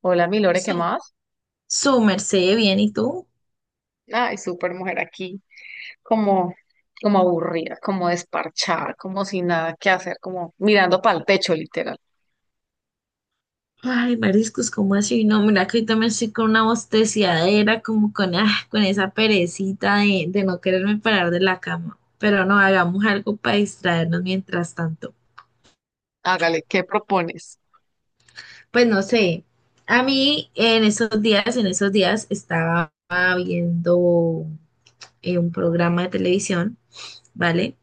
Hola, mi Lore, ¿qué Su, más? su merced, bien, ¿y tú? Ay, súper mujer aquí, como, como aburrida, como desparchada, como sin nada que hacer, como mirando para el techo, literal. Ay, mariscos, ¿cómo así? No, mira que ahorita me estoy con una bosteciadera, con esa perecita de no quererme parar de la cama. Pero no, hagamos algo para distraernos mientras tanto. Hágale, ¿qué propones? Pues no sé, a mí en esos días estaba viendo un programa de televisión, ¿vale?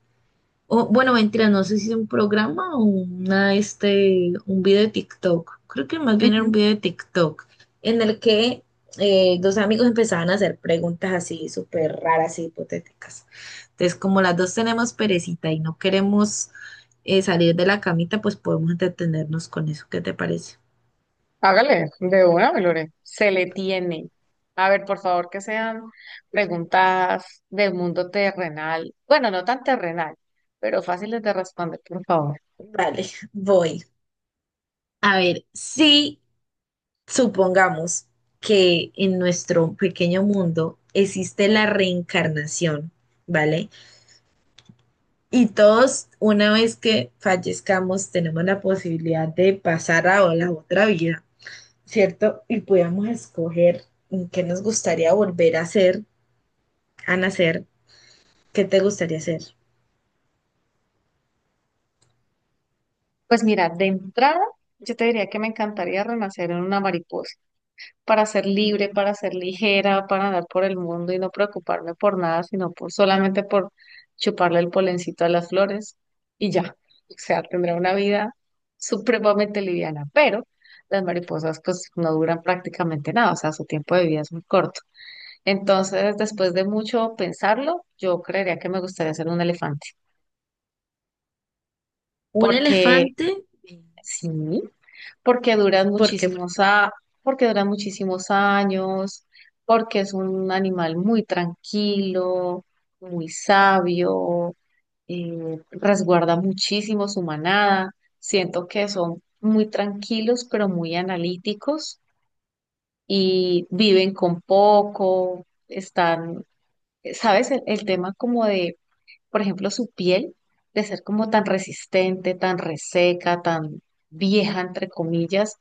O, bueno, mentira, no sé si es un programa o un video de TikTok. Creo que más bien era un Ujú. video de TikTok en el que dos amigos empezaban a hacer preguntas así súper raras y hipotéticas. Entonces, como las dos tenemos perecita y no queremos salir de la camita, pues podemos entretenernos con eso. ¿Qué te parece? Hágale, de una, mi Lore. Se le tiene. A ver, por favor, que sean preguntas del mundo terrenal. Bueno, no tan terrenal, pero fáciles de responder, por favor. Vale, voy. A ver, si supongamos que en nuestro pequeño mundo existe la reencarnación, ¿vale? Y todos, una vez que fallezcamos, tenemos la posibilidad de pasar a la otra vida, ¿cierto? Y podamos escoger en qué nos gustaría volver a ser, a nacer, qué te gustaría ser. Pues mira, de entrada, yo te diría que me encantaría renacer en una mariposa, para ser libre, para ser ligera, para andar por el mundo y no preocuparme por nada, sino por, solamente por chuparle el polencito a las flores y ya. O sea, tendrá una vida supremamente liviana, pero las mariposas pues no duran prácticamente nada, o sea, su tiempo de vida es muy corto. Entonces, después de mucho pensarlo, yo creería que me gustaría ser un elefante, ¿Un porque elefante? sí. porque duran ¿Por qué? ¿Por muchísimos qué? a, porque duran muchísimos años, porque es un animal muy tranquilo, muy sabio, resguarda muchísimo su manada. Siento que son muy tranquilos, pero muy analíticos y viven con poco, están, ¿sabes? El tema como de, por ejemplo, su piel, de ser como tan resistente, tan reseca, tan vieja, entre comillas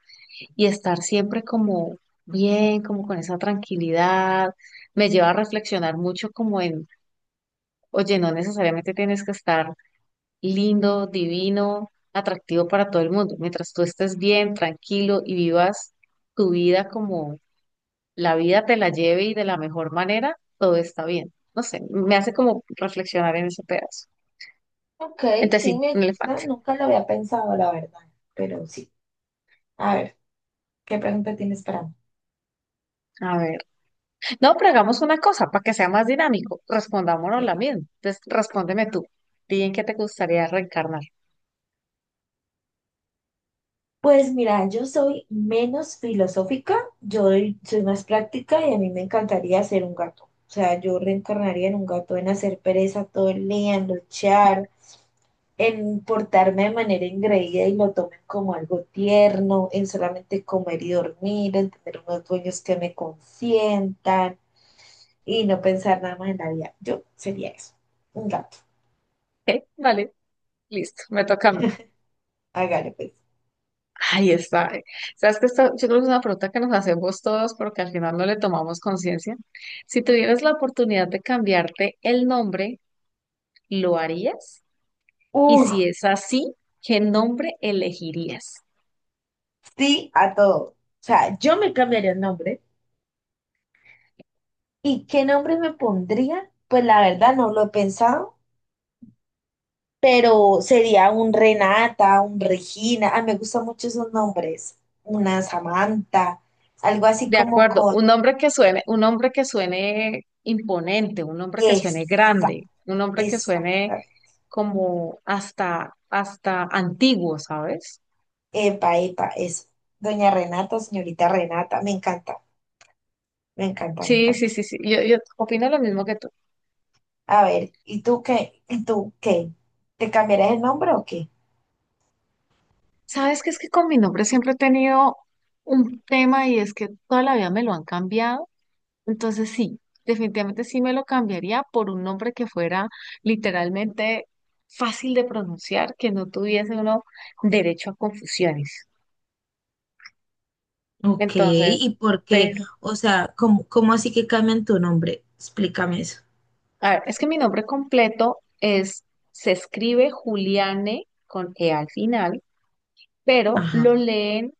y estar siempre como bien, como con esa tranquilidad, me lleva a reflexionar mucho como en, oye, no necesariamente tienes que estar lindo, divino, atractivo para todo el mundo. Mientras tú estés bien, tranquilo y vivas tu vida como la vida te la lleve y de la mejor manera, todo está bien. No sé, me hace como reflexionar en ese pedazo. Ok, Entonces sí, sí, me un gusta. elefante. Nunca lo había pensado, la verdad. Pero sí. A ver, ¿qué pregunta tienes para A ver. No, pero hagamos una cosa para que sea más dinámico. Respondámonos mí? la misma. Entonces, respóndeme tú. Di en qué te gustaría reencarnar. Pues mira, yo soy menos filosófica, yo soy más práctica y a mí me encantaría ser un gato. O sea, yo reencarnaría en un gato, en hacer pereza todo el día, en luchar, en portarme de manera ingreída y lo tomen como algo tierno, en solamente comer y dormir, en tener unos dueños que me consientan y no pensar nada más en la vida. Yo sería eso, un gato. ¿Ok? Vale, listo. Me toca a mí. Hágale pues. Ahí está. Sabes que esta, yo creo que es una pregunta que nos hacemos todos porque al final no le tomamos conciencia. Si tuvieras la oportunidad de cambiarte el nombre, ¿lo harías? Y Uf, si es así, ¿qué nombre elegirías? sí a todo. O sea, yo me cambiaría el nombre. ¿Y qué nombre me pondría? Pues la verdad no lo he pensado, pero sería un Renata, un Regina. Ah, me gustan mucho esos nombres. Una Samantha, algo así De como acuerdo, con... un hombre que suene, un hombre que suene imponente, un hombre que suene Esa, grande, un hombre que suene exactamente. como hasta antiguo, ¿sabes? Epa, epa, eso. Doña Renata, señorita Renata, me encanta, me encanta, me Sí, sí, encanta. sí, sí. Yo opino lo mismo que tú. A ver, ¿y tú qué? ¿Y tú qué? ¿Te cambiarás el nombre o qué? Sabes que es que con mi nombre siempre he tenido un tema y es que toda la vida me lo han cambiado. Entonces sí, definitivamente sí me lo cambiaría por un nombre que fuera literalmente fácil de pronunciar, que no tuviese uno derecho a confusiones. Ok, Entonces, ¿y por qué? pero, O sea, ¿cómo, cómo así que cambian tu nombre? Explícame eso. a ver, es que mi nombre completo es, se escribe Juliane con E al final, pero lo Ajá. leen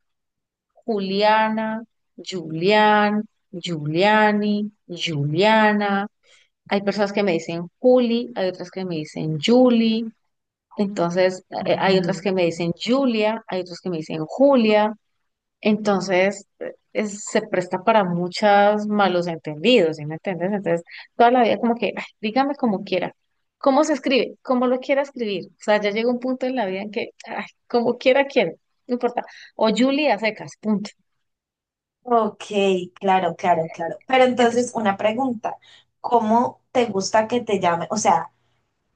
Juliana, Julián, Juliani, Juliana. Hay personas que me dicen Juli, hay otras que me dicen Juli, entonces hay Ah, otras que ok. me dicen Julia, hay otras que me dicen Julia. Entonces, se presta para muchos malos entendidos, ¿sí me entiendes? Entonces, toda la vida como que, "Ay, dígame como quiera, cómo se escribe, cómo lo quiera escribir. O sea, ya llega un punto en la vida en que, ay, como quiera, quiero, no importa. O Julia secas, punto. Ok, claro, claro, claro. Pero entonces, Entonces, una pregunta, ¿cómo te gusta que te llame? O sea,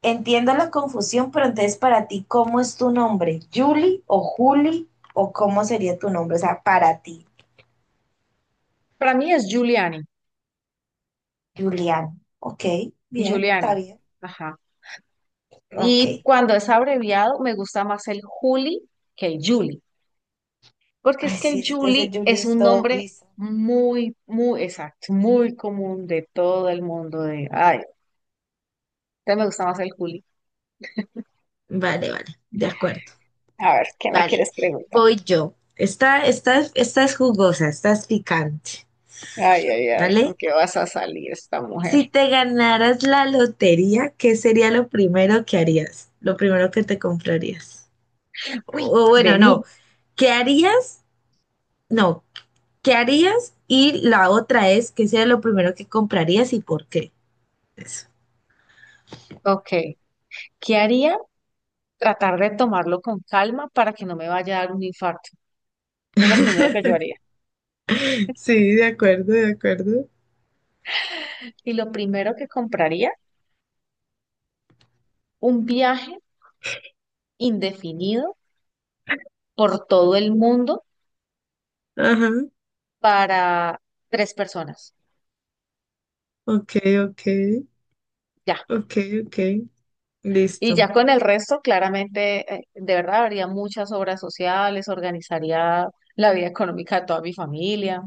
entiendo la confusión, pero entonces para ti, ¿cómo es tu nombre? ¿Julie o Juli? ¿O cómo sería tu nombre? O sea, para ti, para mí es Giuliani, Julián. Ok, bien, está Giuliani, bien. ajá. Ok. Y cuando es abreviado, me gusta más el Juli que el Juli. Porque es Ay, que el sí, este es Julie Julie es es un todo nombre guiso. muy, muy exacto, muy común de todo el mundo. De, ay, te me gusta más el Juli. Vale, vale, de acuerdo. Vale, voy yo. Esta es jugosa, esta es picante, Ay, ay, ay, ¿con ¿vale? qué vas a salir esta mujer? Si te ganaras la lotería, ¿qué sería lo primero que harías? Lo primero que te comprarías. Uy, O bueno, vení. no. ¿Qué harías? No. ¿Qué harías? Y la otra es, ¿qué sería lo primero que comprarías y por qué? Eso. Ok. ¿Qué haría? Tratar de tomarlo con calma para que no me vaya a dar un infarto. Es lo primero que yo haría. Sí, de acuerdo, de acuerdo. Y lo primero que compraría, un viaje indefinido por todo el mundo Ajá. para tres personas. Ok, ok, Ya. ok, ok. Y Listo. ya con el resto, claramente, de verdad, haría muchas obras sociales, organizaría la vida económica de toda mi familia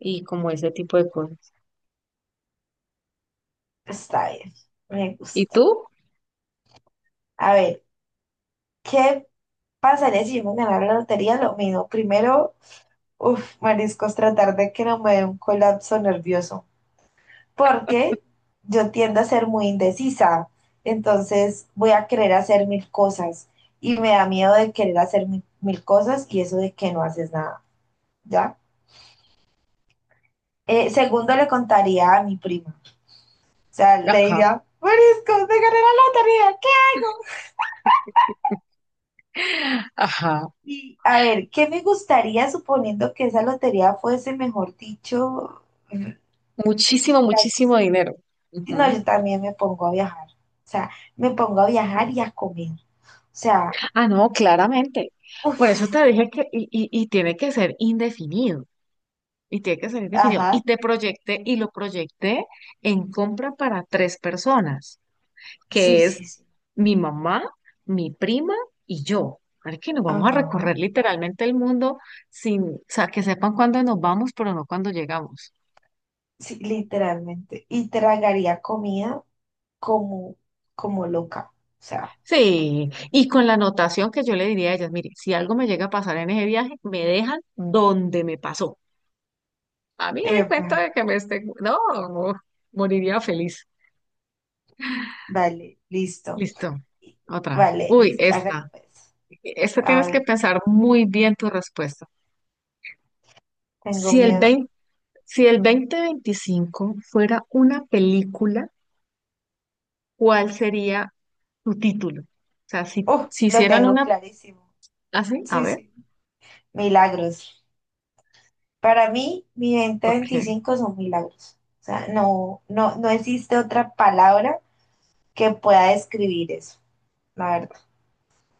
y como ese tipo de cosas. Está bien, me ¿Y gusta. tú? A ver, ¿qué pasaría si yo me ganara la lotería? Lo mismo, primero uf, mariscos, tratar de que no me dé un colapso nervioso, porque yo tiendo a ser muy indecisa, entonces voy a querer hacer mil cosas y me da miedo de querer hacer mil cosas y eso de que no haces nada, ¿ya? Segundo, le contaría a mi prima, o sea, le Ajá, diría, mariscos, me gané la lotería, ¿qué hago? ajá. Y a ver, ¿qué me gustaría suponiendo que esa lotería fuese, mejor dicho, Muchísimo, muchísimo dinero. no, Ujú. yo también me pongo a viajar. O sea, me pongo a viajar y a comer. O sea, Ah, no, claramente. Por eso te uff, dije que, y tiene que ser indefinido, y tiene que ser indefinido. Y ajá, te proyecté, y lo proyecté en compra para tres personas, sí, que sí, es sí, mi mamá, mi prima y yo. Ahora que nos vamos a ajá, recorrer literalmente el mundo sin, o sea, que sepan cuándo nos vamos, pero no cuándo llegamos. sí, literalmente. Y tragaría comida como, como loca. O sea, Sí, y con la anotación que yo le diría a ellas, mire, si algo me llega a pasar en ese viaje, me dejan donde me pasó. A mí el cuento bueno, de que me esté, no, moriría feliz. vale, listo. Listo, otra. Vale, Uy, listo, hágale esta. pues. Esta A tienes que ver, pensar muy bien tu respuesta. tengo Si el miedo. Si el 2025 fuera una película, ¿cuál sería su título? O sea, si, Uf, si lo hicieran tengo una clarísimo. así, a Sí, ver, sí. Milagros. Para mí, mi venta ok. 25 son milagros. O sea, no, no, no existe otra palabra que pueda describir eso, la verdad.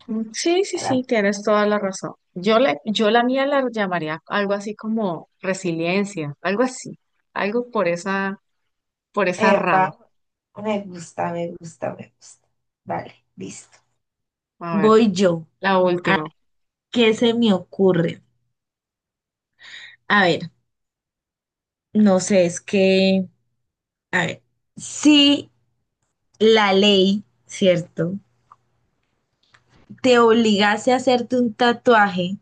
Mm, sí, sí, sí, Era- tienes toda la razón. Yo la mía la llamaría algo así como resiliencia, algo así, algo por esa rama. Epa, me gusta, me gusta, me gusta. Vale, listo. A ver, Voy yo. la ¿A última. qué se me ocurre? A ver, no sé, es que, a ver, si la ley, ¿cierto? Te obligase a hacerte un tatuaje,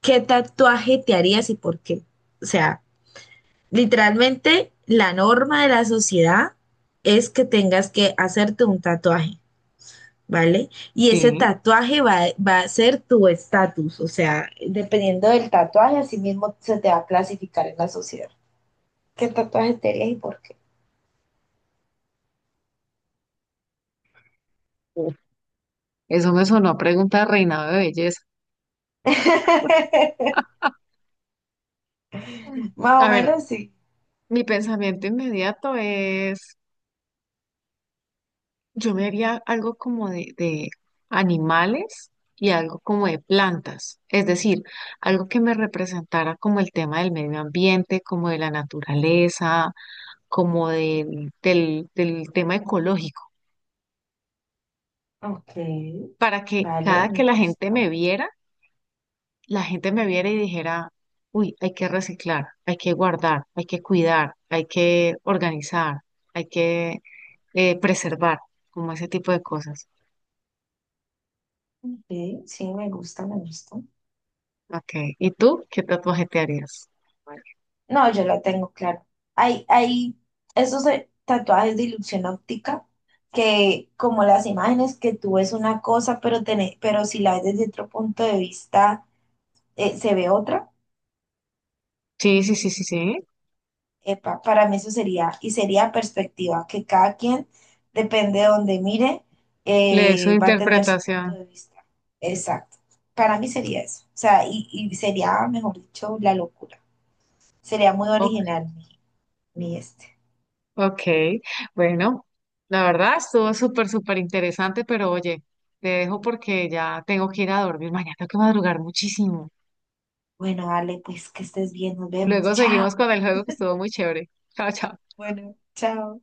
¿qué tatuaje te harías y por qué? O sea, literalmente, la norma de la sociedad es que tengas que hacerte un tatuaje, ¿vale? Y ese Sí, tatuaje va a ser tu estatus, o sea, dependiendo del tatuaje, así mismo se te va a clasificar en la sociedad. ¿Qué tatuaje te harías y por qué? uf, eso me sonó a pregunta de reinado de belleza. Más o A ver, menos sí. mi pensamiento inmediato es, yo me haría algo como de animales y algo como de plantas, es decir, algo que me representara como el tema del medio ambiente, como de la naturaleza, como del tema ecológico, Ok, para que vale, cada me que la gente gusta. me viera, la gente me viera y dijera, uy, hay que reciclar, hay que guardar, hay que cuidar, hay que organizar, hay que preservar, como ese tipo de cosas. Ok, sí, me gusta, me gusta. Ok, ¿y tú qué tatuaje te harías? No, yo la tengo, claro. Hay esos tatuajes de ilusión óptica que como las imágenes que tú ves una cosa, pero, pero si la ves desde otro punto de vista se ve otra. Sí, sí, sí, sí, sí. Epa, para mí eso sería, y sería perspectiva, que cada quien, depende de donde mire, Le doy su va a tener su punto interpretación. de vista. Exacto. Para mí sería eso. O sea, y sería, mejor dicho, la locura. Sería muy O- original mi, mi este. ok, bueno, la verdad estuvo súper, súper interesante, pero oye, te dejo porque ya tengo que ir a dormir. Mañana tengo que madrugar muchísimo. Bueno, Ale, pues que estés bien, nos vemos. Luego seguimos Chao. con el juego que estuvo muy chévere. Chao, chao. Bueno, chao.